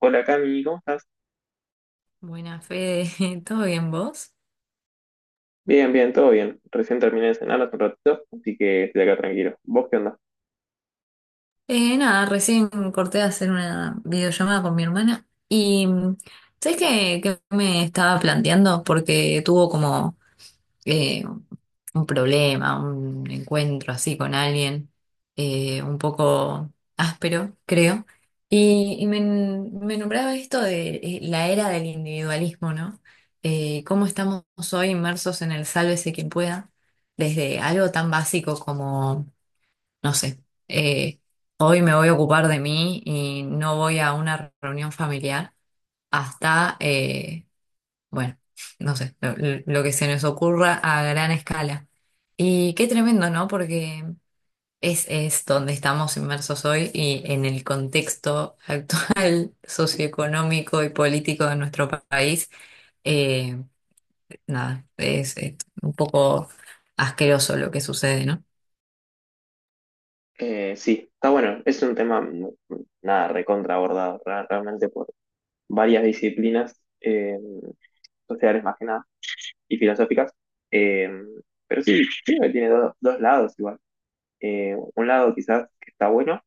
Hola Cami, ¿cómo estás? Buena fe, ¿todo bien vos? Bien, bien, todo bien. Recién terminé de cenar hace un ratito, así que estoy acá tranquilo. ¿Vos qué onda? Nada, recién corté de hacer una videollamada con mi hermana y ¿sabés qué me estaba planteando? Porque tuvo como eh, un problema, un encuentro así con alguien, un poco áspero, creo, y me nombraba esto de la era del individualismo, ¿no? Cómo estamos hoy inmersos en el sálvese quien pueda, desde algo tan básico como no sé, eh, hoy me voy a ocupar de mí y no voy a una reunión familiar hasta, bueno, no sé, lo que se nos ocurra a gran escala. Y qué tremendo, ¿no? Porque es donde estamos inmersos hoy y en el contexto actual socioeconómico y político de nuestro país, eh, nada, es un poco asqueroso lo que sucede, ¿no? Sí, está bueno. Es un tema, nada, recontra abordado realmente por varias disciplinas sociales más que nada y filosóficas. Eh, pero sí, creo que tiene dos lados igual. Un lado quizás que está bueno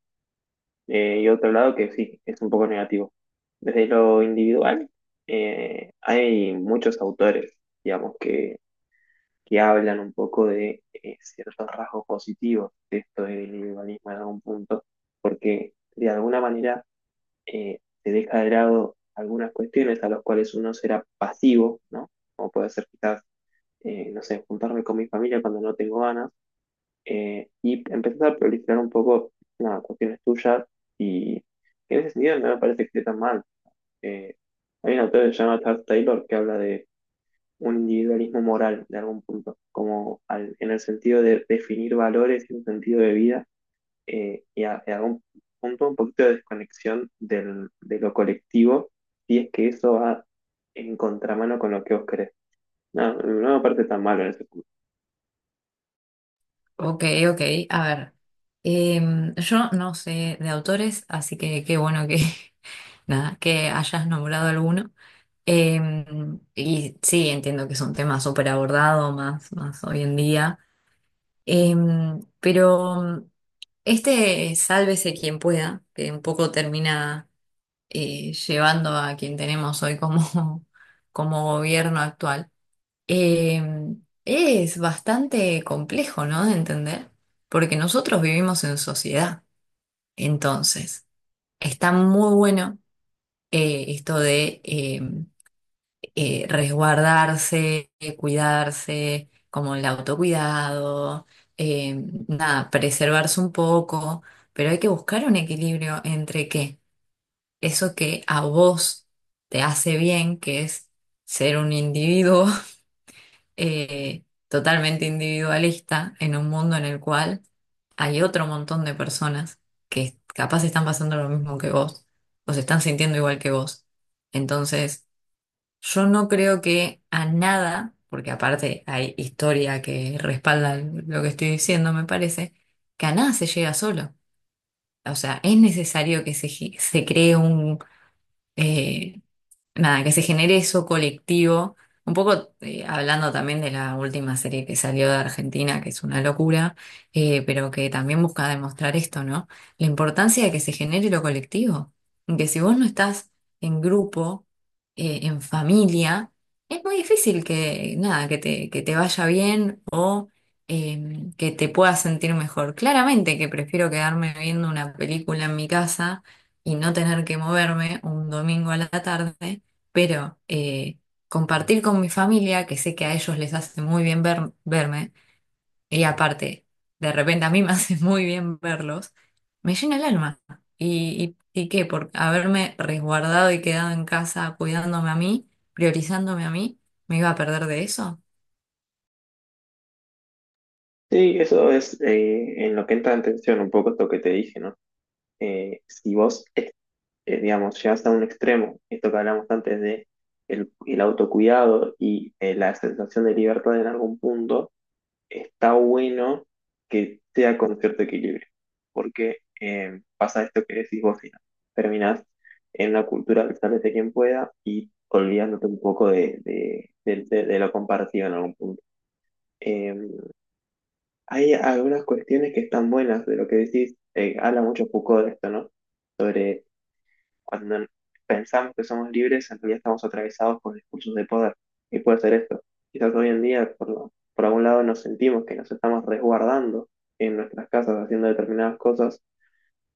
y otro lado que sí, es un poco negativo. Desde lo individual, hay muchos autores, digamos, que hablan un poco de ciertos rasgos positivos de esto del individualismo en algún punto, porque de alguna manera se deja de lado algunas cuestiones a las cuales uno será pasivo, ¿no? Como puede ser quizás, no sé, juntarme con mi familia cuando no tengo ganas, y empezar a proliferar un poco nada, cuestiones tuyas, y en ese sentido no me parece que esté tan mal. Eh, Hay un autor que se llama Charles Taylor que habla de un individualismo moral de algún punto, como en el sentido de definir valores y un sentido de vida y a, en algún punto un poquito de desconexión del, de lo colectivo, si es que eso va en contramano con lo que vos querés. No, no me parece tan malo en ese punto. Ok, ok, a ver. Yo no sé de autores, así que qué bueno nada, que hayas nombrado alguno. Em, y sí, entiendo que es un tema súper abordado más hoy en día. Em, pero este sálvese quien pueda, que un poco termina llevando a quien tenemos hoy como, como gobierno actual. Eh, es bastante complejo, ¿no? De entender, porque nosotros vivimos en sociedad. Entonces, está muy bueno esto de resguardarse, cuidarse, como el autocuidado, eh, nada, preservarse un poco, pero hay que buscar un equilibrio entre que eso que a vos te hace bien, que es ser un individuo, totalmente individualista en un mundo en el cual hay otro montón de personas que capaz están pasando lo mismo que vos o se están sintiendo igual que vos. Entonces, yo no creo que a nada, porque aparte hay historia que respalda lo que estoy diciendo, me parece, que a nada se llega solo. O sea, es necesario que se cree un… eh, nada, que se genere eso colectivo. Un poco hablando también de la última serie que salió de Argentina, que es una locura, pero que también busca demostrar esto, ¿no? La importancia de que se genere lo colectivo. Que si vos no estás en grupo, en familia, es muy difícil nada, que te vaya bien o que te puedas sentir mejor. Claramente que prefiero quedarme viendo una película en mi casa y no tener que moverme un domingo a la tarde pero compartir con mi familia, que sé que a ellos les hace muy bien verme, y aparte, de repente a mí me hace muy bien verlos, me llena el alma. ¿Y qué? Por haberme resguardado y quedado en casa cuidándome a mí, priorizándome a mí, ¿me iba a perder de eso? Sí, eso es en lo que entra en tensión un poco esto que te dije, ¿no? Si vos, digamos, llegas a un extremo, esto que hablamos antes de el autocuidado y la sensación de libertad en algún punto, está bueno que sea con cierto equilibrio, porque pasa esto que decís vos, Ina. Terminás en una cultura del sálvese quien pueda y olvidándote un poco de lo compartido en algún punto. Eh, Hay algunas cuestiones que están buenas de lo que decís, habla mucho Foucault de esto, ¿no? Cuando pensamos que somos libres, en realidad estamos atravesados por discursos de poder. Y puede ser esto. Quizás hoy en día, por algún lado, nos sentimos que nos estamos resguardando en nuestras casas haciendo determinadas cosas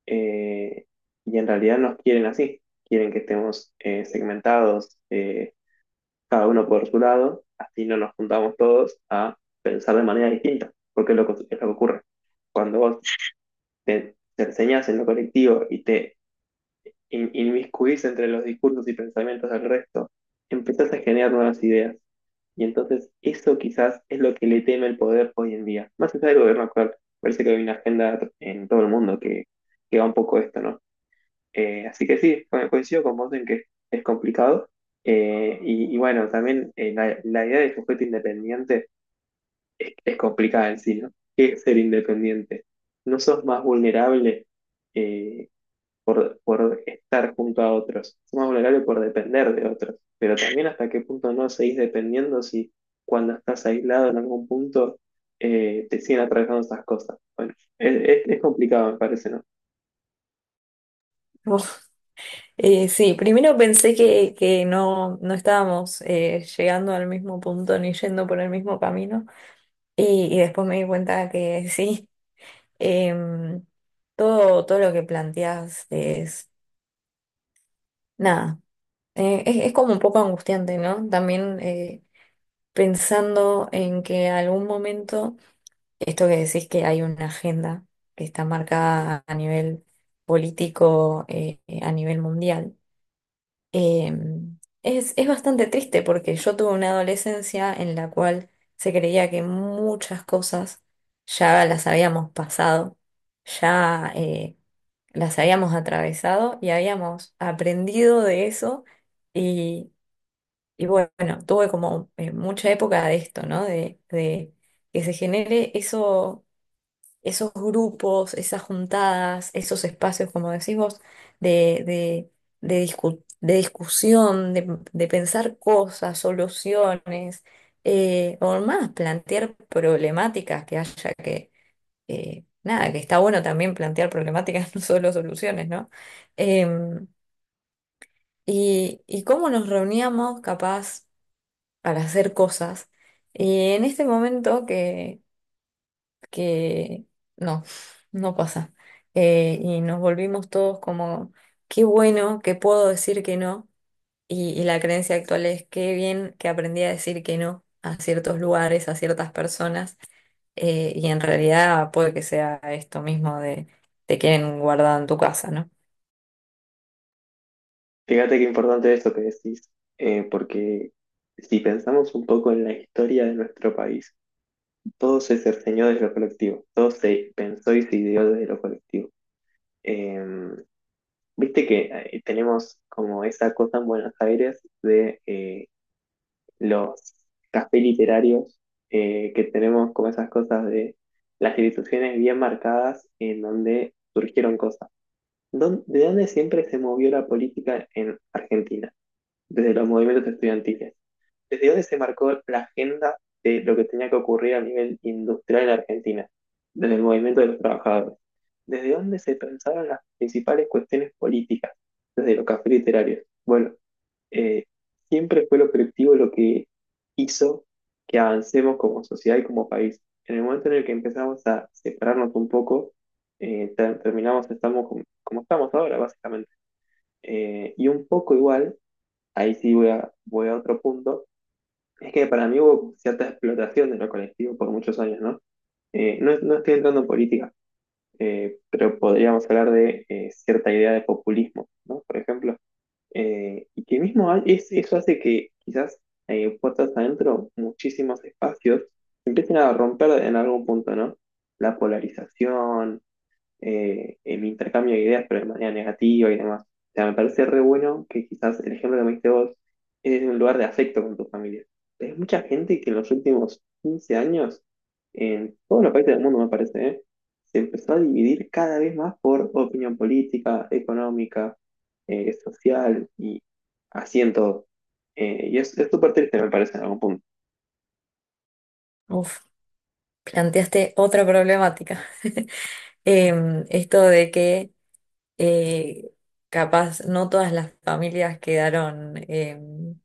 eh, y en realidad nos quieren así. Quieren que estemos segmentados, cada uno por su lado, así no nos juntamos todos a pensar de manera distinta, porque es lo que ocurre. Cuando vos te enseñas en lo colectivo y te inmiscuirse entre los discursos y pensamientos del resto, empezás a generar nuevas ideas. Y entonces eso quizás es lo que le teme el poder hoy en día. Más allá del gobierno actual, parece que hay una agenda en todo el mundo que va un poco esto, ¿no? Así que sí, coincido con vos en que es complicado. Y bueno, también la idea de sujeto independiente es complicada en sí, ¿no? ¿Qué es ser independiente? ¿No sos más vulnerable? eh, por estar junto a otros. Es más vulnerable por depender de otros. Pero también hasta qué punto no seguís dependiendo si cuando estás aislado en algún punto te siguen atravesando esas cosas. Bueno, es complicado, me parece, ¿no? Uf, sí, primero pensé que no, no estábamos llegando al mismo punto ni yendo por el mismo camino y después me di cuenta que sí. Em, todo lo que planteas es nada. Es como un poco angustiante, ¿no? También pensando en que algún momento, esto que decís que hay una agenda que está marcada a nivel político, a nivel mundial. Em, es bastante triste porque yo tuve una adolescencia en la cual se creía que muchas cosas ya las habíamos pasado, ya las habíamos atravesado y habíamos aprendido de eso y, y bueno, tuve como mucha época de esto, ¿no? De que se genere eso esos grupos, esas juntadas, esos espacios, como decís vos, de, de, de discusión, de pensar cosas, soluciones, o más, plantear problemáticas que haya que, nada, que está bueno también plantear problemáticas, no solo soluciones, ¿no? Em, y cómo nos reuníamos capaz para hacer cosas. Y en este momento que no, no pasa. Y nos volvimos todos como, qué bueno que puedo decir que no. Y la creencia actual es, qué bien que aprendí a decir que no a ciertos lugares, a ciertas personas. Y en realidad puede que sea esto mismo de te quieren guardado en tu casa, ¿no? Fíjate qué importante esto que decís, porque si pensamos un poco en la historia de nuestro país, todo se cerceñó desde lo colectivo, todo se pensó y se ideó desde lo colectivo. Em, Viste que tenemos como esa cosa en Buenos Aires de los cafés literarios que tenemos como esas cosas de las instituciones bien marcadas en donde surgieron cosas. ¿De dónde siempre se movió la política en Argentina? Desde los movimientos estudiantiles. ¿Desde dónde se marcó la agenda de lo que tenía que ocurrir a nivel industrial en Argentina? Desde el movimiento de los trabajadores. ¿Desde dónde se pensaron las principales cuestiones políticas? Desde los cafés literarios. Bueno, eh, siempre fue lo colectivo lo que hizo que avancemos como sociedad y como país. En el momento en el que empezamos a separarnos un poco, terminamos, estamos como, como estamos ahora, básicamente. Y un poco igual ahí sí voy a otro punto, es que para mí hubo cierta explotación de lo colectivo por muchos años, ¿no? No estoy entrando en política, pero podríamos hablar de cierta idea de populismo, ¿no? Por ejemplo, y que mismo eso hace que quizás puertas adentro muchísimos espacios se empiecen a romper en algún punto, ¿no? La polarización, el intercambio de ideas, pero de manera negativa y demás. O sea, me parece re bueno que quizás el ejemplo que me diste vos es en un lugar de afecto con tu familia. Hay mucha gente que en los últimos 15 años, en todos los países del mundo me parece, ¿eh? Se empezó a dividir cada vez más por opinión política, económica, social y así en todo. Y es súper triste, me parece, en algún punto. Uf, planteaste otra problemática. Em, esto de que eh, capaz no todas las familias quedaron… em,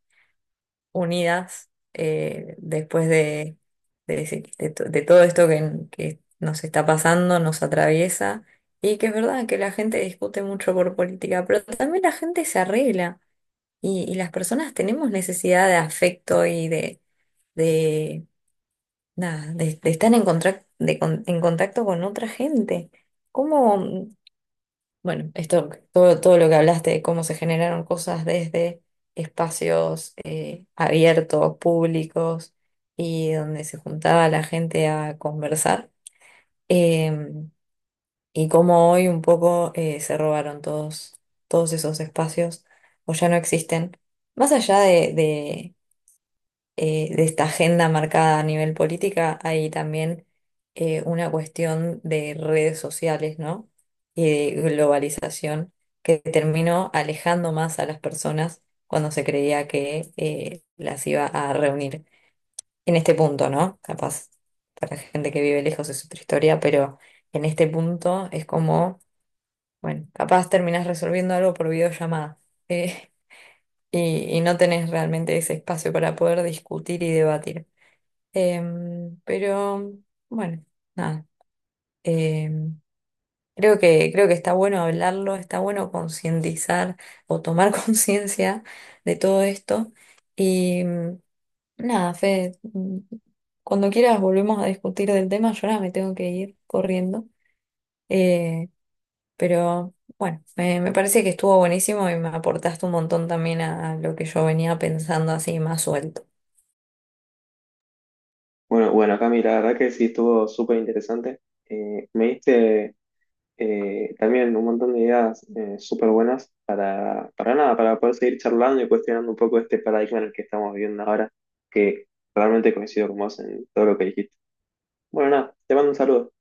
unidas después de, ese- de to- de todo esto que nos está pasando, nos atraviesa, y que es verdad que la gente discute mucho por política, pero también la gente se arregla y las personas tenemos necesidad de afecto y de, nada, de estar en contacto con otra gente. ¿Cómo? Bueno, todo lo que hablaste de cómo se generaron cosas desde espacios abiertos, públicos y donde se juntaba la gente a conversar, eh, y cómo hoy un poco se robaron todos esos espacios o ya no existen. Más allá de esta agenda marcada a nivel política, hay también una cuestión de redes sociales, ¿no? Y de globalización que terminó alejando más a las personas cuando se creía que las iba a reunir. En este punto, ¿no? Capaz para gente que vive lejos es otra historia, pero en este punto es como, bueno, capaz terminás resolviendo algo por videollamada. eh, y no tenés realmente ese espacio para poder discutir y debatir. Em, pero bueno, nada. Em, creo creo que está bueno hablarlo, está bueno concientizar o tomar conciencia de todo esto. Y mm, nada, Fede, mm, cuando quieras volvemos a discutir del tema. Yo ahora me tengo que ir corriendo. Eh, pero bueno, me parece que estuvo buenísimo y me aportaste un montón también a lo que yo venía pensando así más suelto. Bueno, bueno, Cami, la verdad que sí estuvo súper interesante. Me diste También un montón de ideas súper buenas para nada, para poder seguir charlando y cuestionando un poco este paradigma en el que estamos viviendo ahora, que realmente coincido con vos en todo lo que dijiste. Bueno, nada, te mando un saludo.